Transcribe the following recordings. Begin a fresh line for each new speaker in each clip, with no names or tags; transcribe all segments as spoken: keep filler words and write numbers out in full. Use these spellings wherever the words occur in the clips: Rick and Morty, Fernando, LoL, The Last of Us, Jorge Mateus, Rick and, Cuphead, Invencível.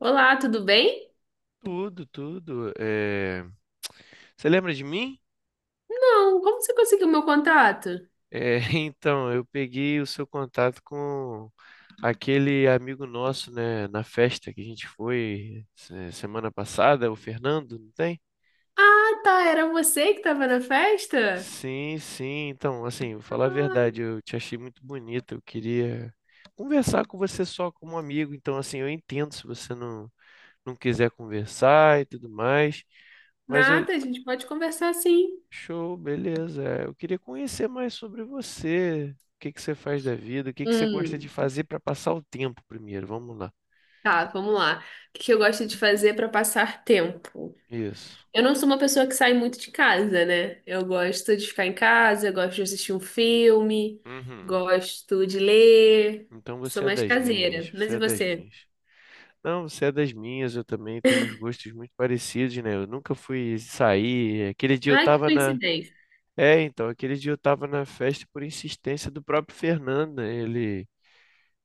Olá, tudo bem?
Tudo, tudo. É, Você lembra de mim?
Não, como você conseguiu meu contato?
É, Então, eu peguei o seu contato com aquele amigo nosso, né, na festa que a gente foi se- semana passada, o Fernando, não tem?
Ah, tá, era você que estava na festa?
Sim, sim. Então, assim, vou falar a verdade,
Ah,
eu te achei muito bonita. Eu queria conversar com você só como amigo. Então, assim, eu entendo se você não, não quiser conversar e tudo mais. Mas eu...
nada, a gente pode conversar sim.
Show, beleza. É, Eu queria conhecer mais sobre você. O que que você faz da vida? O que que você gosta de
Hum,
fazer para passar o tempo primeiro? Vamos lá.
tá, vamos lá. O que que eu gosto de fazer para passar tempo?
Isso.
Eu não sou uma pessoa que sai muito de casa, né? Eu gosto de ficar em casa, eu gosto de assistir um filme,
Uhum.
gosto de ler,
Então
sou
você é
mais
das minhas.
caseira. Mas
Você
e
é das
você?
minhas. Não, você é das minhas. Eu também tenho uns gostos muito parecidos, né? Eu nunca fui sair. Aquele dia eu
Ai, que
tava na...
coincidência.
É, então, aquele dia eu tava na festa por insistência do próprio Fernando, né? Ele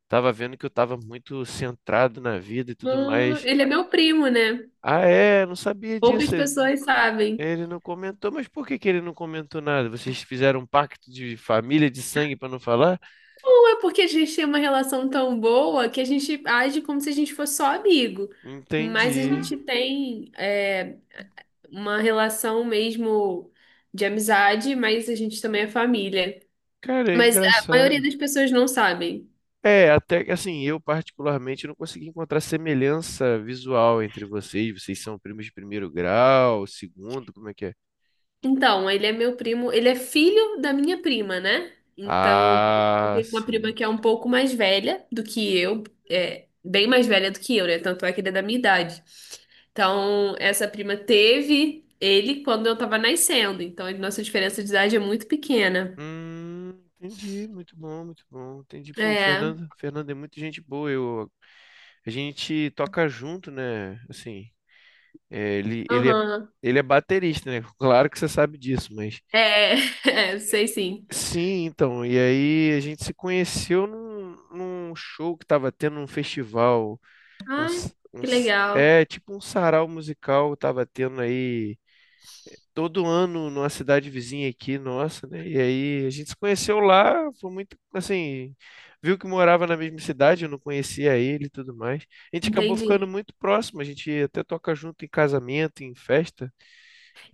tava vendo que eu tava muito centrado na vida e tudo
Ah,
mais.
ele é meu primo, né?
Ah, é, não sabia disso.
Poucas pessoas sabem.
Ele não comentou, mas por que que ele não comentou nada? Vocês fizeram um pacto de família, de sangue pra não falar?
Ou é porque a gente tem uma relação tão boa que a gente age como se a gente fosse só amigo. Mas a
Entendi.
gente tem é, uma relação mesmo de amizade, mas a gente também é família.
Cara, é
Mas a maioria
engraçado.
das pessoas não sabem.
É, até que assim, eu particularmente não consegui encontrar semelhança visual entre vocês. Vocês são primos de primeiro grau, segundo, como é que é?
Então, ele é meu primo, ele é filho da minha prima, né? Então, eu
Ah,
tenho uma prima
sim.
que é um pouco mais velha do que eu, é, bem mais velha do que eu, né? Tanto é que ele é da minha idade. Então, essa prima teve ele quando eu tava nascendo. Então, a nossa diferença de idade é muito pequena.
Hum, entendi. Muito bom, muito bom. Entendi. Pô, o
É,
Fernando, Fernando é muito gente boa. Eu, a gente toca junto, né? Assim. É, ele, ele é,
aham.
ele é baterista, né? Claro que você sabe disso, mas...
É, é,
é,
sei sim.
Sim, então. E aí a gente se conheceu num, num show que tava tendo num festival. Um
Ah,
s- um
que
s-
legal.
é, tipo um sarau musical tava tendo aí todo ano numa cidade vizinha aqui, nossa, né? E aí a gente se conheceu lá, foi muito, assim... Viu que morava na mesma cidade, eu não conhecia ele e tudo mais. A gente acabou ficando
Entendi.
muito próximo, a gente até toca junto em casamento, em festa.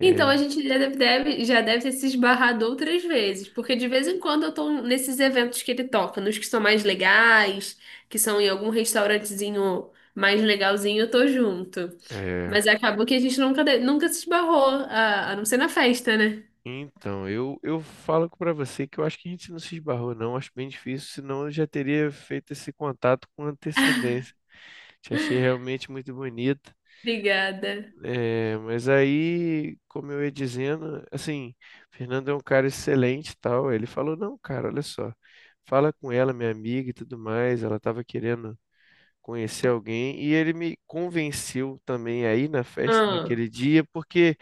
Então, a gente já deve, deve- já deve ter se esbarrado outras vezes, porque de vez em quando eu tô nesses eventos que ele toca, nos que são mais legais, que são em algum restaurantezinho mais legalzinho, eu tô junto.
É,
Mas acabou que a gente nunca, de- nunca se esbarrou, a, a não ser na festa, né?
então, eu, eu falo pra você que eu acho que a gente não se esbarrou, não. Acho bem difícil, senão eu já teria feito esse contato com antecedência. Te achei realmente muito bonita.
Obrigada.
É, mas aí, como eu ia dizendo, assim, Fernando é um cara excelente e tal. Ele falou: "Não, cara, olha só, fala com ela, minha amiga e tudo mais." Ela estava querendo conhecer alguém e ele me convenceu também aí na festa
Ah,
naquele dia, porque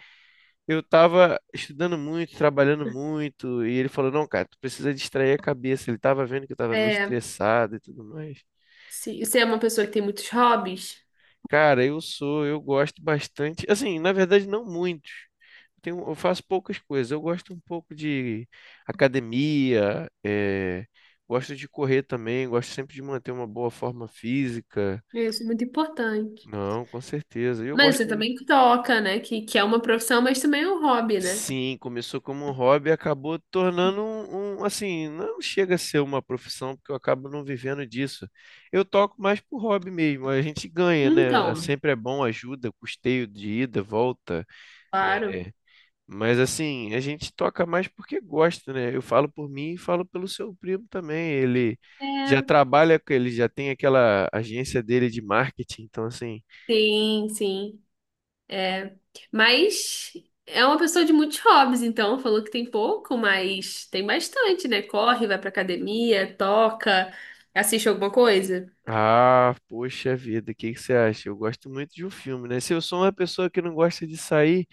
eu tava estudando muito, trabalhando muito, e ele falou: "Não, cara, tu precisa distrair a cabeça." Ele tava vendo que eu tava meio
é,
estressado e tudo mais.
se você é uma pessoa que tem muitos hobbies,
Cara, eu sou, eu gosto bastante. Assim, na verdade, não muito. Eu Tenho, eu faço poucas coisas. Eu gosto um pouco de academia, eh, gosto de correr também, gosto sempre de manter uma boa forma física.
isso é muito importante.
Não, com certeza. E eu
Mas você
gosto...
também toca, né? Que, que é uma profissão, mas também é um hobby, né?
Sim, começou como um hobby e acabou tornando um, um, assim, não chega a ser uma profissão, porque eu acabo não vivendo disso. Eu toco mais por hobby mesmo, a gente ganha, né? É,
Então,
Sempre é bom, ajuda, custeio de ida, volta.
claro.
É. Mas assim, a gente toca mais porque gosta, né? Eu falo por mim e falo pelo seu primo também. Ele já
É,
trabalha, com- ele já tem aquela agência dele de marketing, então assim...
sim, sim. Mas é uma pessoa de muitos hobbies, então falou que tem pouco, mas tem bastante, né? Corre, vai pra academia, toca, assiste alguma coisa.
Ah, poxa vida, o que que você acha? Eu gosto muito de um filme, né? Se eu sou uma pessoa que não gosta de sair,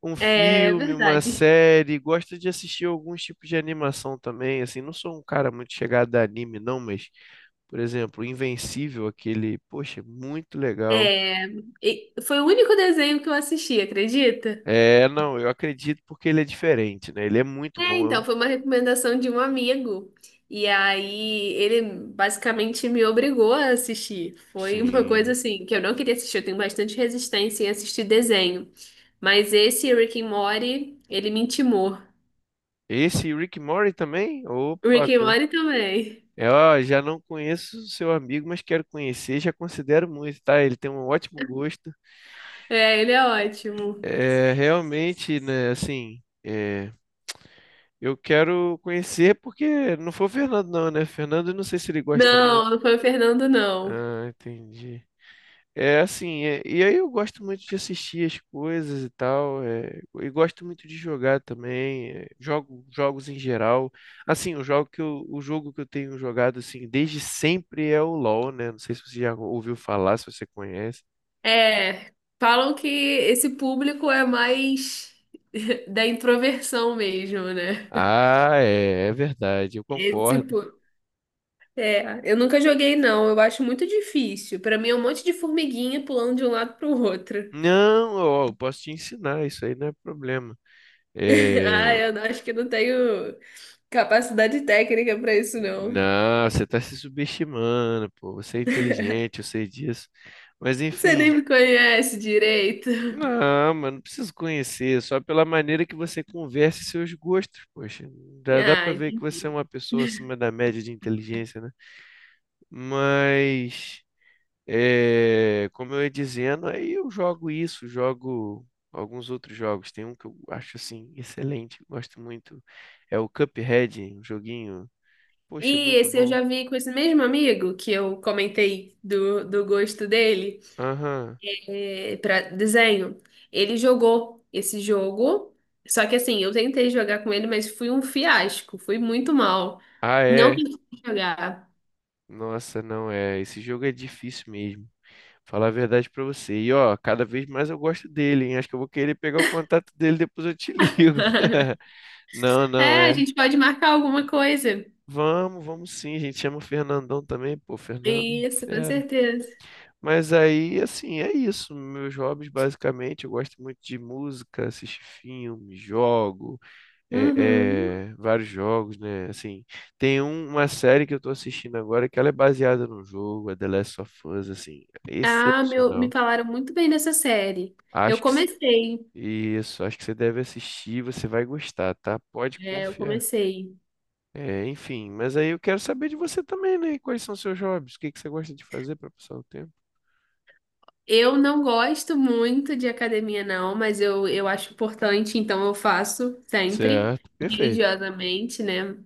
um
É
filme, uma
verdade.
série, gosto de assistir alguns tipos de animação também, assim, não sou um cara muito chegado a anime, não, mas, por exemplo, Invencível, aquele, poxa, muito legal.
É, e foi o único desenho que eu assisti, acredita?
É, não, eu acredito porque ele é diferente, né? Ele é muito
É,
bom,
então,
eu-
foi uma recomendação de um amigo. E aí ele basicamente me obrigou a assistir. Foi uma coisa
sim.
assim que eu não queria assistir, eu tenho bastante resistência em assistir desenho. Mas esse Rick and Morty, ele me intimou.
Esse Rick and também? Opa.
Rick and Morty também.
É, ó, já não conheço o seu amigo, mas quero conhecer, já considero muito, tá? Ele tem um ótimo gosto.
É, ele é ótimo.
É, realmente, né, assim, é, eu quero conhecer porque não foi o Fernando não, né? Fernando, eu não sei se ele gosta muito.
Não, não foi o Fernando, não.
Ah, entendi. É assim, é- e aí eu gosto muito de assistir as coisas e tal, é, e gosto muito de jogar também, é, jogo jogos em geral. Assim, o jogo que eu, o jogo que eu tenho jogado assim desde sempre é o LoL, né? Não sei se você já ouviu falar, se você conhece.
É, falam que esse público é mais da introversão mesmo, né?
Ah, é, é verdade, eu
Esse,
concordo.
é, eu nunca joguei, não. Eu acho muito difícil. Pra mim é um monte de formiguinha pulando de um lado pro outro.
Não, ó, eu posso te ensinar, isso aí não é problema.
Ah,
É,
eu não- Acho que não tenho capacidade técnica pra isso, não.
não, você está se subestimando, pô, você é inteligente, eu sei disso. Mas
Você nem
enfim.
me conhece direito.
Não, mano, não preciso conhecer, só pela maneira que você conversa e seus gostos, poxa. Já dá
Ah,
pra ver que você é
entendi.
uma pessoa acima da média de inteligência, né? Mas, é, como eu ia dizendo, aí eu jogo isso, jogo alguns outros jogos. Tem um que eu acho, assim, excelente, gosto muito. É o Cuphead, um joguinho, poxa,
E
muito
esse eu
bom.
já vi com esse mesmo amigo que eu comentei do, do gosto dele,
Aham.
é, para desenho. Ele jogou esse jogo, só que assim, eu tentei jogar com ele, mas fui um fiasco, fui muito mal.
Ah,
Não
é.
consegui jogar.
Nossa, não é? Esse jogo é difícil mesmo. Falar a verdade pra você. E ó, cada vez mais eu gosto dele, hein? Acho que eu vou querer pegar o contato dele, depois eu te ligo. Não, não,
É, a
é.
gente pode marcar alguma coisa.
Vamos, vamos sim, a gente. Chama o Fernandão também, pô, Fernando,
Isso, com
fera.
certeza.
Mas aí, assim, é isso. Meus hobbies, basicamente, eu gosto muito de música, assistir filme, jogo, é,
Uhum.
é, vários jogos, né? Assim, tem um- uma série que eu tô assistindo agora que ela é baseada num jogo, a The Last of Us, assim,
Ah, meu, me
excepcional.
falaram muito bem dessa série. Eu
Acho que
comecei,
Isso, acho que você deve assistir, você vai gostar, tá? Pode
é, eu
confiar.
comecei.
É, enfim, mas aí eu quero saber de você também, né? Quais são seus hobbies? O que que você gosta de fazer para passar o tempo?
Eu não gosto muito de academia, não, mas eu, eu acho importante, então eu faço sempre,
Certo, perfeito.
religiosamente, né?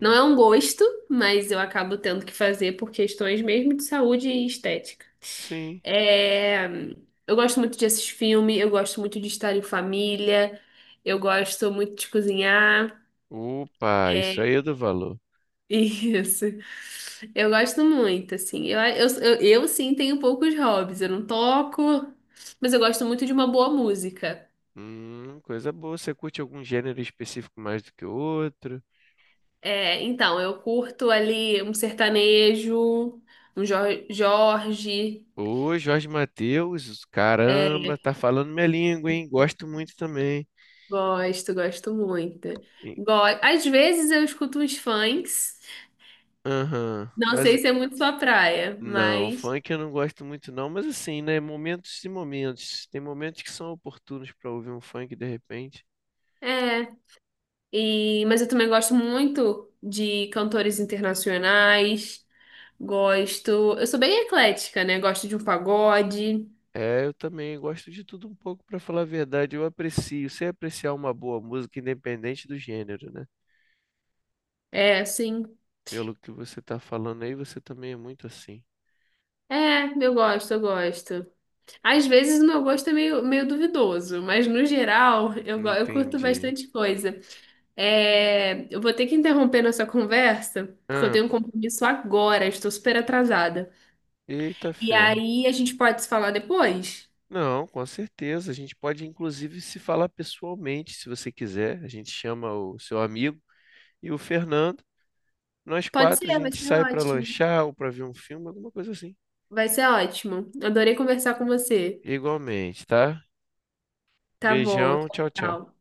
Não é um gosto, mas eu acabo tendo que fazer por questões mesmo de saúde e estética.
Sim.
É, eu gosto muito de assistir filme, eu gosto muito de estar em família, eu gosto muito de cozinhar.
Opa, isso
É,
aí é do valor.
isso. Eu gosto muito, assim. Eu, eu, eu, eu, sim, tenho poucos hobbies, eu não toco, mas eu gosto muito de uma boa música.
Hum, coisa boa. Você curte algum gênero específico mais do que outro?
É, então, eu curto ali um sertanejo, um Jor- Jorge.
Ô, Jorge Mateus,
É,
caramba, tá falando minha língua, hein? Gosto muito também.
gosto, gosto muito.
E-
Go- Às vezes eu escuto uns funks.
Aham.
Não
Mas...
sei se é muito sua praia,
Não,
mas
funk eu não gosto muito não, mas assim, né, momentos e momentos. Tem momentos que são oportunos pra ouvir um funk de repente.
é. E, mas eu também gosto muito de cantores internacionais. Gosto. Eu sou bem eclética, né? Gosto de um pagode.
É, eu também gosto de tudo um pouco, pra falar a verdade. Eu aprecio, sei apreciar uma boa música independente do gênero, né?
É, sim.
Pelo que você tá falando aí, você também é muito assim.
É, eu gosto, eu gosto. Às vezes o meu gosto é meio, meio duvidoso, mas no geral eu, go- eu curto
Entendi.
bastante coisa. É, eu vou ter que interromper nossa conversa, porque eu
Ah,
tenho um
pô.
compromisso agora, estou super atrasada.
Eita
E
ferro.
aí a gente pode se falar depois?
Não, com certeza. A gente pode inclusive se falar pessoalmente, se você quiser. A gente chama o seu amigo e o Fernando. Nós
Pode
quatro, a
ser, vai
gente
ser
sai pra
ótimo.
lanchar ou pra ver um filme, alguma coisa assim.
Vai ser ótimo. Adorei conversar com você.
Igualmente, tá?
Tá bom,
Beijão,
tchau.
tchau, tchau.
Tchau.